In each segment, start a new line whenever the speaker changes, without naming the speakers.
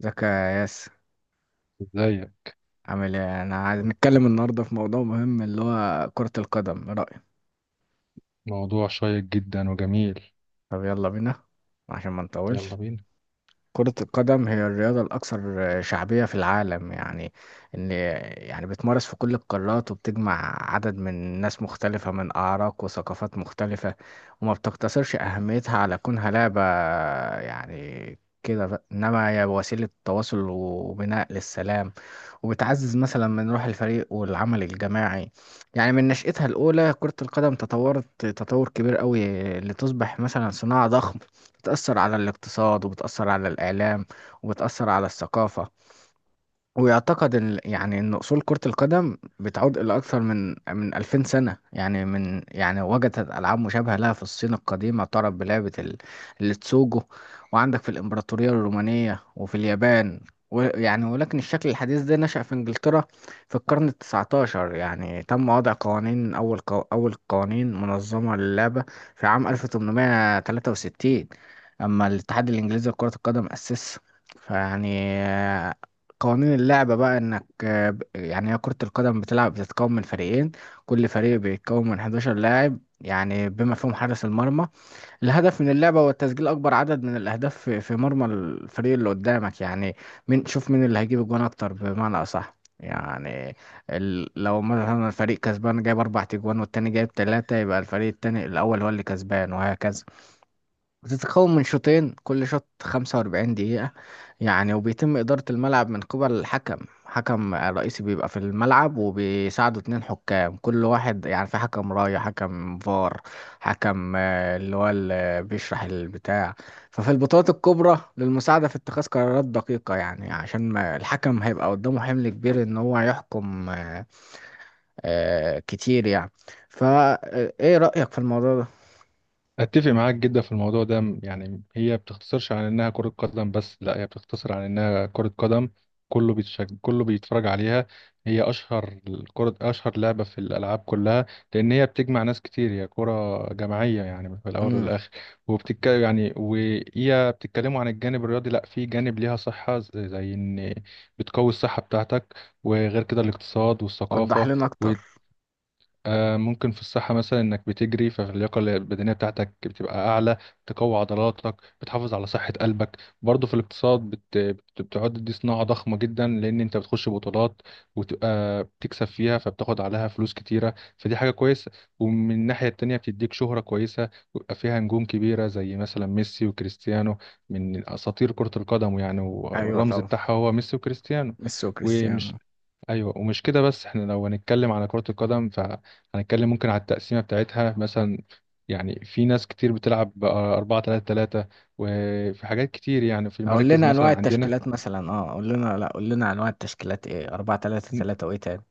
ازيك يا ياس،
ازاي؟
عامل ايه؟ انا عايز نتكلم النهارده في موضوع مهم اللي هو كرة القدم. ايه رأيك؟
موضوع شيق جدا وجميل.
طب يلا بينا عشان ما
يلا
نطولش.
بينا.
كرة القدم هي الرياضة الأكثر شعبية في العالم، يعني إن يعني بتمارس في كل القارات وبتجمع عدد من ناس مختلفة من أعراق وثقافات مختلفة وما بتقتصرش أهميتها على كونها لعبة يعني كده بقى. إنما هي وسيلة تواصل وبناء للسلام، وبتعزز مثلا من روح الفريق والعمل الجماعي. يعني من نشأتها الأولى كرة القدم تطورت تطور كبير قوي لتصبح مثلا صناعة ضخمة بتأثر على الاقتصاد وبتأثر على الإعلام وبتأثر على الثقافة. ويعتقد ان يعني ان اصول كرة القدم بتعود الى اكثر من 2000 سنة، يعني من يعني وجدت العاب مشابهة لها في الصين القديمة تعرف بلعبة التسوجو، وعندك في الامبراطورية الرومانية وفي اليابان. ويعني ولكن الشكل الحديث ده نشأ في انجلترا في القرن التسعتاشر، يعني تم وضع قوانين اول قوانين منظمة للعبة في عام 1863. اما الاتحاد الانجليزي لكرة القدم اسسه فيعني. قوانين اللعبة بقى انك يعني هي كرة القدم بتلعب بتتكون من فريقين. كل فريق بيتكون من 11 لاعب يعني بما فيهم حارس المرمى. الهدف من اللعبة هو تسجيل اكبر عدد من الاهداف في مرمى الفريق اللي قدامك، يعني من شوف مين اللي هيجيب الجون اكتر بمعنى اصح. يعني لو مثلا الفريق كسبان جايب اربع تجوان والتاني جايب تلاتة يبقى الفريق التاني الاول هو اللي كسبان وهكذا. بتتكون من شوطين، كل شوط 45 دقيقة. يعني وبيتم إدارة الملعب من قبل الحكم، حكم رئيسي بيبقى في الملعب وبيساعده اتنين حكام، كل واحد يعني في حكم راية حكم فار، حكم آه، اللي هو اللي بيشرح البتاع ففي البطولات الكبرى للمساعدة في اتخاذ قرارات دقيقة. يعني عشان ما الحكم هيبقى قدامه حمل كبير إن هو يحكم كتير يعني. فا آه، إيه رأيك في الموضوع ده؟
اتفق معاك جدا في الموضوع ده، يعني هي بتختصرش عن انها كرة قدم، بس لا، هي بتختصر عن انها كرة قدم. كله بيتفرج عليها. هي اشهر الكرة اشهر لعبة في الالعاب كلها، لان هي بتجمع ناس كتير، هي كرة جماعية يعني في الاول
مم.
والاخر. يعني وهي بتتكلموا عن الجانب الرياضي، لا، في جانب ليها صحة، زي ان بتقوي الصحة بتاعتك، وغير كده الاقتصاد
وضح
والثقافة.
لنا أكتر.
ممكن في الصحة مثلا إنك بتجري، فاللياقة البدنية بتاعتك بتبقى أعلى، بتقوي عضلاتك، بتحافظ على صحة قلبك. برضه في الاقتصاد بتعد دي صناعة ضخمة جدا، لأن أنت بتخش بطولات وتبقى بتكسب فيها فبتاخد عليها فلوس كتيرة، فدي حاجة كويسة. ومن الناحية التانية بتديك شهرة كويسة، ويبقى فيها نجوم كبيرة زي مثلا ميسي وكريستيانو، من أساطير كرة القدم يعني،
أيوه
والرمز
طبعا،
بتاعها هو ميسي وكريستيانو.
ميسي
ومش
وكريستيانو.
ايوه، ومش كده بس، احنا لو هنتكلم على كرة القدم فهنتكلم ممكن على التقسيمة بتاعتها مثلا، يعني في ناس كتير بتلعب ب 4 3 3، وفي حاجات كتير يعني في
اقول
المراكز
لنا انواع
مثلا عندنا.
التشكيلات مثلا، اه قول لنا، لا قول لنا انواع التشكيلات، ايه 4 3 3 وايه تاني؟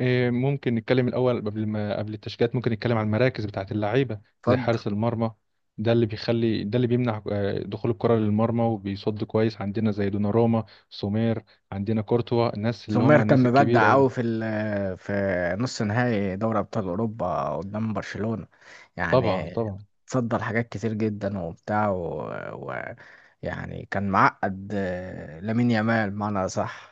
ممكن نتكلم الاول، قبل ما قبل التشكيلات، ممكن نتكلم عن المراكز بتاعت اللعيبة، زي
اتفضل.
حارس المرمى. ده اللي بيمنع دخول الكرة للمرمى، وبيصد كويس، عندنا زي دوناروما، سومير، عندنا كورتوا، الناس اللي
سومير
هم
كان
الناس الكبيرة
مبدع
أوي دي.
قوي في نص نهائي دوري ابطال اوروبا قدام برشلونة،
طبعا،
يعني
طبعا.
تصدر حاجات كتير جدا وبتاع و... يعني كان معقد، لامين يامال، معنى صح.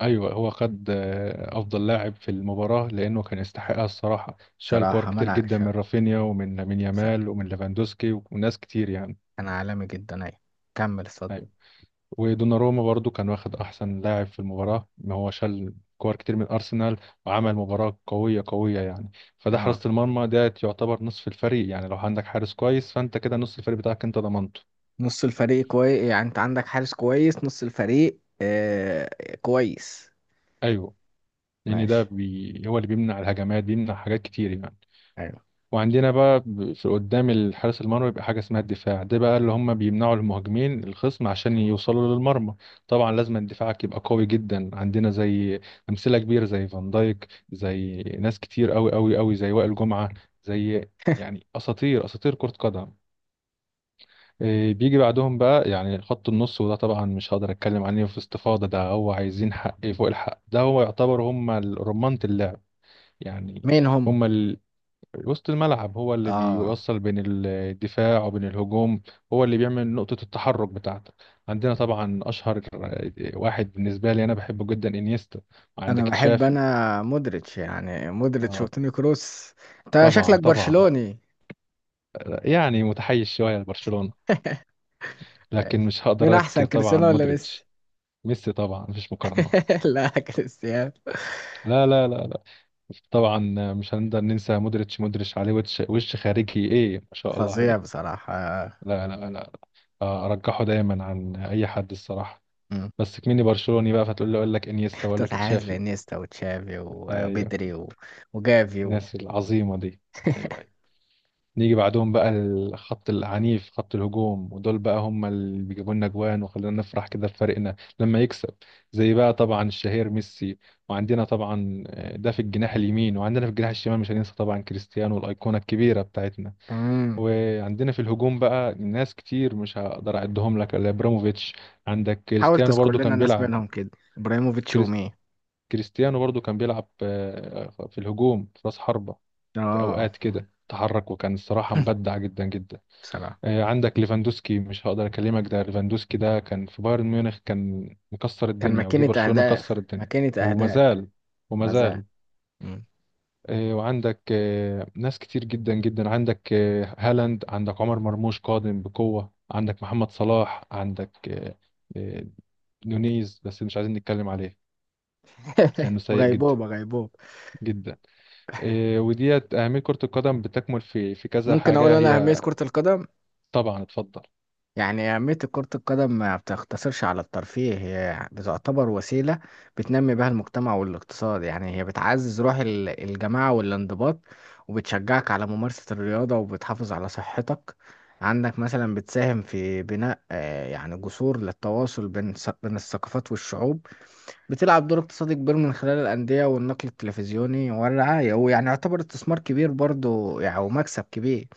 ايوه، هو خد افضل لاعب في المباراه لانه كان يستحقها الصراحه، شال كور
بصراحة
كتير
منع
جدا
ش...
من رافينيا، ومن لامين
ش-
يامال، ومن ليفاندوسكي، وناس كتير يعني.
كان عالمي جدا، ايوه. كمل اتفضل.
ايوه، ودوناروما برضو كان واخد احسن لاعب في المباراه، ما هو شال كور كتير من ارسنال، وعمل مباراه قويه قويه يعني. فده
اه،
حراسه المرمى، ده يعتبر نصف الفريق يعني، لو عندك حارس كويس فانت كده نصف الفريق بتاعك انت ضمنته.
نص الفريق كويس، يعني انت عندك حارس كويس نص الفريق كويس.
ايوه. لان ده
ماشي،
هو اللي بيمنع الهجمات، بيمنع حاجات كتير يعني.
ايوه.
وعندنا بقى في قدام الحارس المرمى بيبقى حاجة اسمها الدفاع، ده بقى اللي هم بيمنعوا المهاجمين الخصم عشان يوصلوا للمرمى. طبعا لازم دفاعك يبقى قوي جدا، عندنا زي أمثلة كبيرة زي فان دايك، زي ناس كتير قوي قوي قوي، زي وائل جمعة، زي يعني أساطير أساطير كرة قدم. بيجي بعدهم بقى يعني خط النص، وده طبعا مش هقدر اتكلم عليه في استفاضة، ده هو عايزين حق فوق الحق، ده هو يعتبر هم رمانة اللعب يعني.
مين هم؟
هم وسط الملعب، هو اللي
اه،
بيوصل بين الدفاع وبين الهجوم، هو اللي بيعمل نقطة التحرك بتاعتك. عندنا طبعا أشهر واحد بالنسبة لي أنا بحبه جدا، إنيستا،
انا
عندك
بحب،
تشافي.
انا مودريتش، يعني مودريتش
آه،
وتوني كروس. انت
طبعا
شكلك
طبعا،
برشلوني.
يعني متحيز شوية لبرشلونة، لكن
ماشي.
مش
مين
هقدر
احسن،
أنكر طبعا
كريستيانو ولا ميسي؟
مودريتش. ميسي طبعا، مفيش مقارنة.
لا، كريستيانو.
لا، لا، لا، لا. طبعا مش هنقدر ننسى مودريتش، مودريتش عليه وش، وش خارجي ايه، ما شاء الله
فظيع
عليه.
بصراحة.
لا، لا، لا. ارجحه دايما عن اي حد الصراحة،
مم.
بس كميني برشلوني بقى فتقول لي اقول لك انيستا، اقول لك
تتحيز
تشافي.
لانيستا وتشافي
ايوه،
وبيدري وجافي
الناس العظيمه دي. ايوه، ايوه. نيجي بعدهم بقى الخط العنيف، خط الهجوم، ودول بقى هم اللي بيجيبوا لنا جوان وخلينا نفرح كده بفريقنا لما يكسب. زي بقى طبعا الشهير ميسي، وعندنا طبعا ده في الجناح اليمين، وعندنا في الجناح الشمال مش هننسى طبعا كريستيانو، الايقونه الكبيره بتاعتنا.
مم.
وعندنا في الهجوم بقى ناس كتير مش هقدر اعدهم لك، الا ابراموفيتش، عندك
حاول
كريستيانو
تذكر
برضو
لنا
كان
ناس
بيلعب.
منهم كده، ابراهيموفيتش ومين؟
كريستيانو برضو كان بيلعب في الهجوم في راس حربة، في
اه.
أوقات كده تحرك، وكان الصراحة مبدع جدا جدا.
بصراحة
عندك ليفاندوسكي، مش هقدر أكلمك، ده ليفاندوسكي ده كان في بايرن ميونخ كان مكسر
كان
الدنيا، وجه
ماكينة
برشلونة
أهداف،
كسر الدنيا.
ماكينة أهداف.
ومازال،
مزاج.
ومازال.
مم.
وعندك ناس كتير جدا جدا، عندك هالاند، عندك عمر مرموش قادم بقوة، عندك محمد صلاح، عندك آه، آه، نونيز بس مش عايزين نتكلم عليه لأنه سيء جدا،
وغيبوبة، غيبوبة.
جدا. وديت أهمية كرة القدم بتكمل في كذا
ممكن أقول
حاجة
أنا أهمية
هي.
كرة القدم.
طبعا، اتفضل.
يعني أهمية كرة القدم ما بتقتصرش على الترفيه، هي بتعتبر وسيلة بتنمي بها المجتمع والاقتصاد. يعني هي بتعزز روح الجماعة والانضباط وبتشجعك على ممارسة الرياضة وبتحافظ على صحتك. عندك مثلا بتساهم في بناء، يعني جسور للتواصل بين بين الثقافات والشعوب. بتلعب دور اقتصادي كبير من خلال الأندية والنقل التلفزيوني والرعاية، ويعني يعتبر استثمار كبير برضو يعني ومكسب كبير.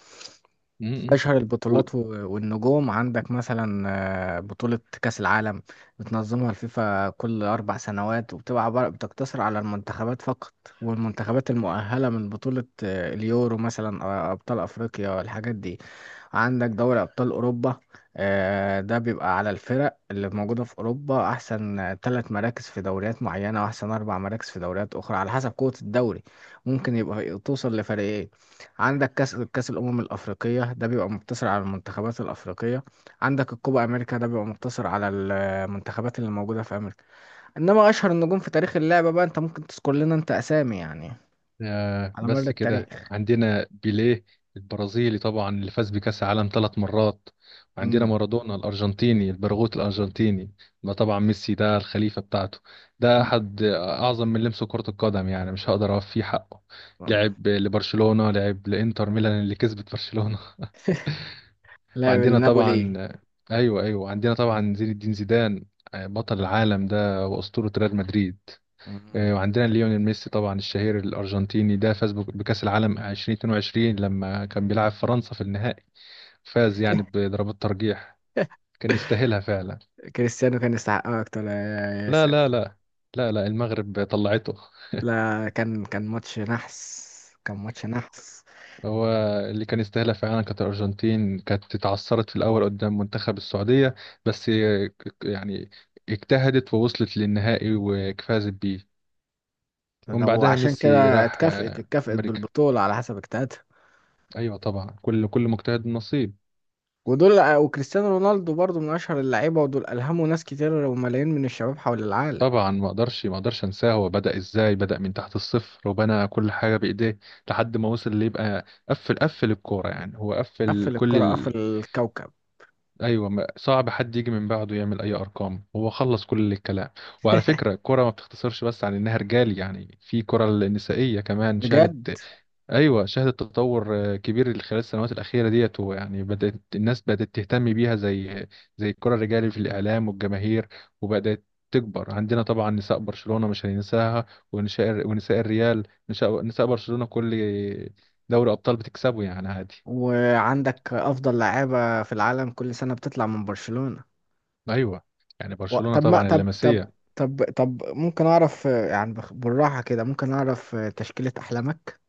م- م.
أشهر
و...
البطولات والنجوم عندك مثلا، بطولة كأس العالم بتنظمها الفيفا كل أربع سنوات وبتبقى عبارة بتقتصر على المنتخبات فقط والمنتخبات المؤهلة من بطولة اليورو مثلا، أبطال أفريقيا، الحاجات دي. عندك دوري أبطال أوروبا، ده بيبقى على الفرق اللي موجودة في أوروبا، أحسن ثلاث مراكز في دوريات معينة وأحسن أربع مراكز في دوريات أخرى على حسب قوة الدوري، ممكن يبقى توصل لفريقين. عندك كأس الأمم الأفريقية ده بيبقى مقتصر على المنتخبات الأفريقية. عندك الكوبا أمريكا ده بيبقى مقتصر على المنتخبات اللي موجودة في أمريكا. إنما أشهر النجوم في تاريخ اللعبة بقى، أنت ممكن تذكر لنا أنت أسامي يعني،
آه،
على مر
بس كده
التاريخ.
عندنا بيليه البرازيلي طبعا، اللي فاز بكأس العالم 3 مرات، وعندنا
مم.
مارادونا الأرجنتيني، البرغوث الأرجنتيني. ما طبعا ميسي ده الخليفة بتاعته، ده أحد أعظم من لمسه كرة القدم يعني، مش هقدر أوفيه حقه،
مم.
لعب لبرشلونة، لعب لإنتر ميلان اللي كسبت برشلونة.
لاعب
وعندنا طبعا،
النابولي.
ايوه ايوه، عندنا طبعا زين الدين زيدان، بطل العالم ده، واسطوره ريال مدريد.
مم.
وعندنا ليونيل ميسي طبعا، الشهير الارجنتيني، ده فاز بكاس العالم 2022 لما كان بيلعب فرنسا في النهائي، فاز يعني بضربات ترجيح، كان يستاهلها فعلا.
كريستيانو كان يستحقها اكتر يا
لا، لا،
ياسر.
لا، لا. لا، المغرب طلعته.
لا كان، كان ماتش نحس. كان ماتش نحس.
هو اللي كان يستاهلها فعلا، كانت الارجنتين كانت اتعثرت في الاول قدام منتخب السعوديه، بس يعني اجتهدت ووصلت للنهائي وفازت بيه. ومن
ده
بعدها
وعشان
ميسي
كده
راح
اتكافئت، اتكافئت
امريكا.
بالبطولة على حسب اجتهادها.
ايوه طبعا، كل مجتهد نصيب.
ودول وكريستيانو رونالدو برضو من اشهر اللعيبة، ودول الهموا ناس كتير وملايين من الشباب حول العالم.
طبعا ما اقدرش انساه، هو بدأ ازاي، بدأ من تحت الصفر، وبنى كل حاجة بإيديه لحد ما وصل اللي يبقى قفل، قفل الكورة يعني، هو قفل
قفل
كل
الكرة قفل الكوكب.
ايوه، صعب حد يجي من بعده يعمل اي ارقام، هو خلص كل الكلام. وعلى فكرة، الكورة ما بتختصرش بس عن انها رجال يعني، في كرة النسائية كمان
بجد.
شهدت. ايوه شهدت تطور كبير خلال السنوات الاخيره ديت، ويعني بدات الناس بدات تهتم بيها زي زي الكره الرجالي، في الاعلام والجماهير، وبدات تكبر. عندنا طبعا نساء برشلونه مش هننساها، ونساء الريال، نساء نساء برشلونه كل دوري ابطال بتكسبه يعني عادي.
وعندك افضل لعيبة في العالم كل سنة بتطلع من برشلونة.
ايوه، يعني
و-
برشلونه
طب ما
طبعا
طب طب
اللمسيه.
طب طب ممكن اعرف، يعني بالراحة كده، ممكن اعرف، تشكيلة احلامك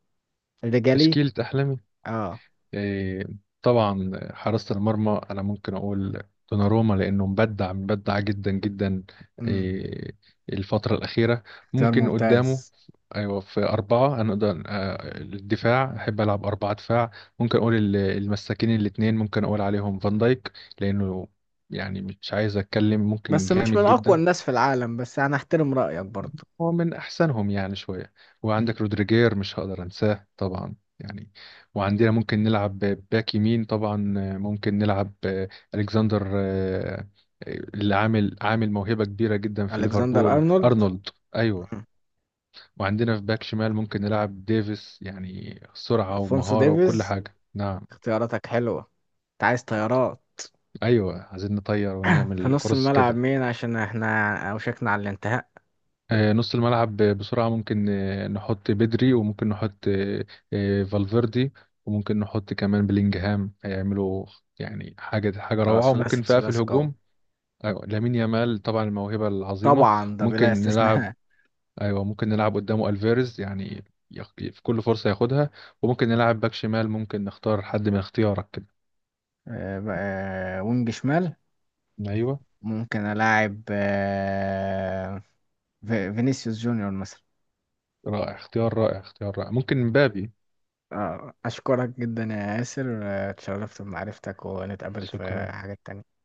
الرجالي؟
تشكيله احلام.
اه.
إيه، طبعا حراسة المرمى أنا ممكن أقول دوناروما، لأنه مبدع، مبدع جدا جدا.
امم.
إيه، الفترة الأخيرة.
اختيار
ممكن قدامه،
ممتاز.
أيوة في أربعة، أنا أقدر الدفاع أحب ألعب أربعة دفاع. ممكن أقول المساكين الاتنين ممكن أقول عليهم فان دايك، لأنه، يعني مش عايز أتكلم، ممكن
بس مش من
جامد
اقوى
جدا،
الناس في العالم، بس انا احترم رايك برضو.
هو من أحسنهم يعني شوية.
مم.
وعندك رودريجير مش هقدر أنساه طبعا يعني. وعندنا ممكن نلعب باك يمين، طبعا ممكن نلعب ألكسندر، اللي عامل موهبة كبيرة جدا في
الكسندر
ليفربول،
ارنولد.
أرنولد. أيوه.
مم.
وعندنا في باك شمال ممكن نلعب ديفيس، يعني سرعة
الفونسو
ومهارة وكل
ديفيز.
حاجة، نعم.
اختياراتك حلوه، انت عايز طيارات.
أيوه، عايزين نطير
في
ونعمل
نص
كورس
الملعب
كده.
مين؟ عشان احنا اوشكنا على الانتهاء.
نص الملعب بسرعة، ممكن نحط بدري، وممكن نحط فالفيردي، وممكن نحط كمان بلينجهام، هيعملوا يعني حاجة حاجة
اه،
روعة. وممكن
ثلاثي
بقى في
ثلاثي قوي.
الهجوم، أيوة لامين يامال طبعا، الموهبة العظيمة.
طبعا ده بلا
ممكن نلعب،
استثناء.
أيوة ممكن نلعب قدامه ألفيرز يعني، في كل فرصة ياخدها. وممكن نلعب باك شمال ممكن نختار حد من اختيارك كده.
وينج شمال.
أيوة،
ممكن الاعب، فينيسيوس جونيور مثلا.
رائع اختيار، رائع اختيار رائع، ممكن مبابي.
أشكرك جدا يا ياسر، اتشرفت بمعرفتك ونتقابل في
شكرا.
حاجات تانية.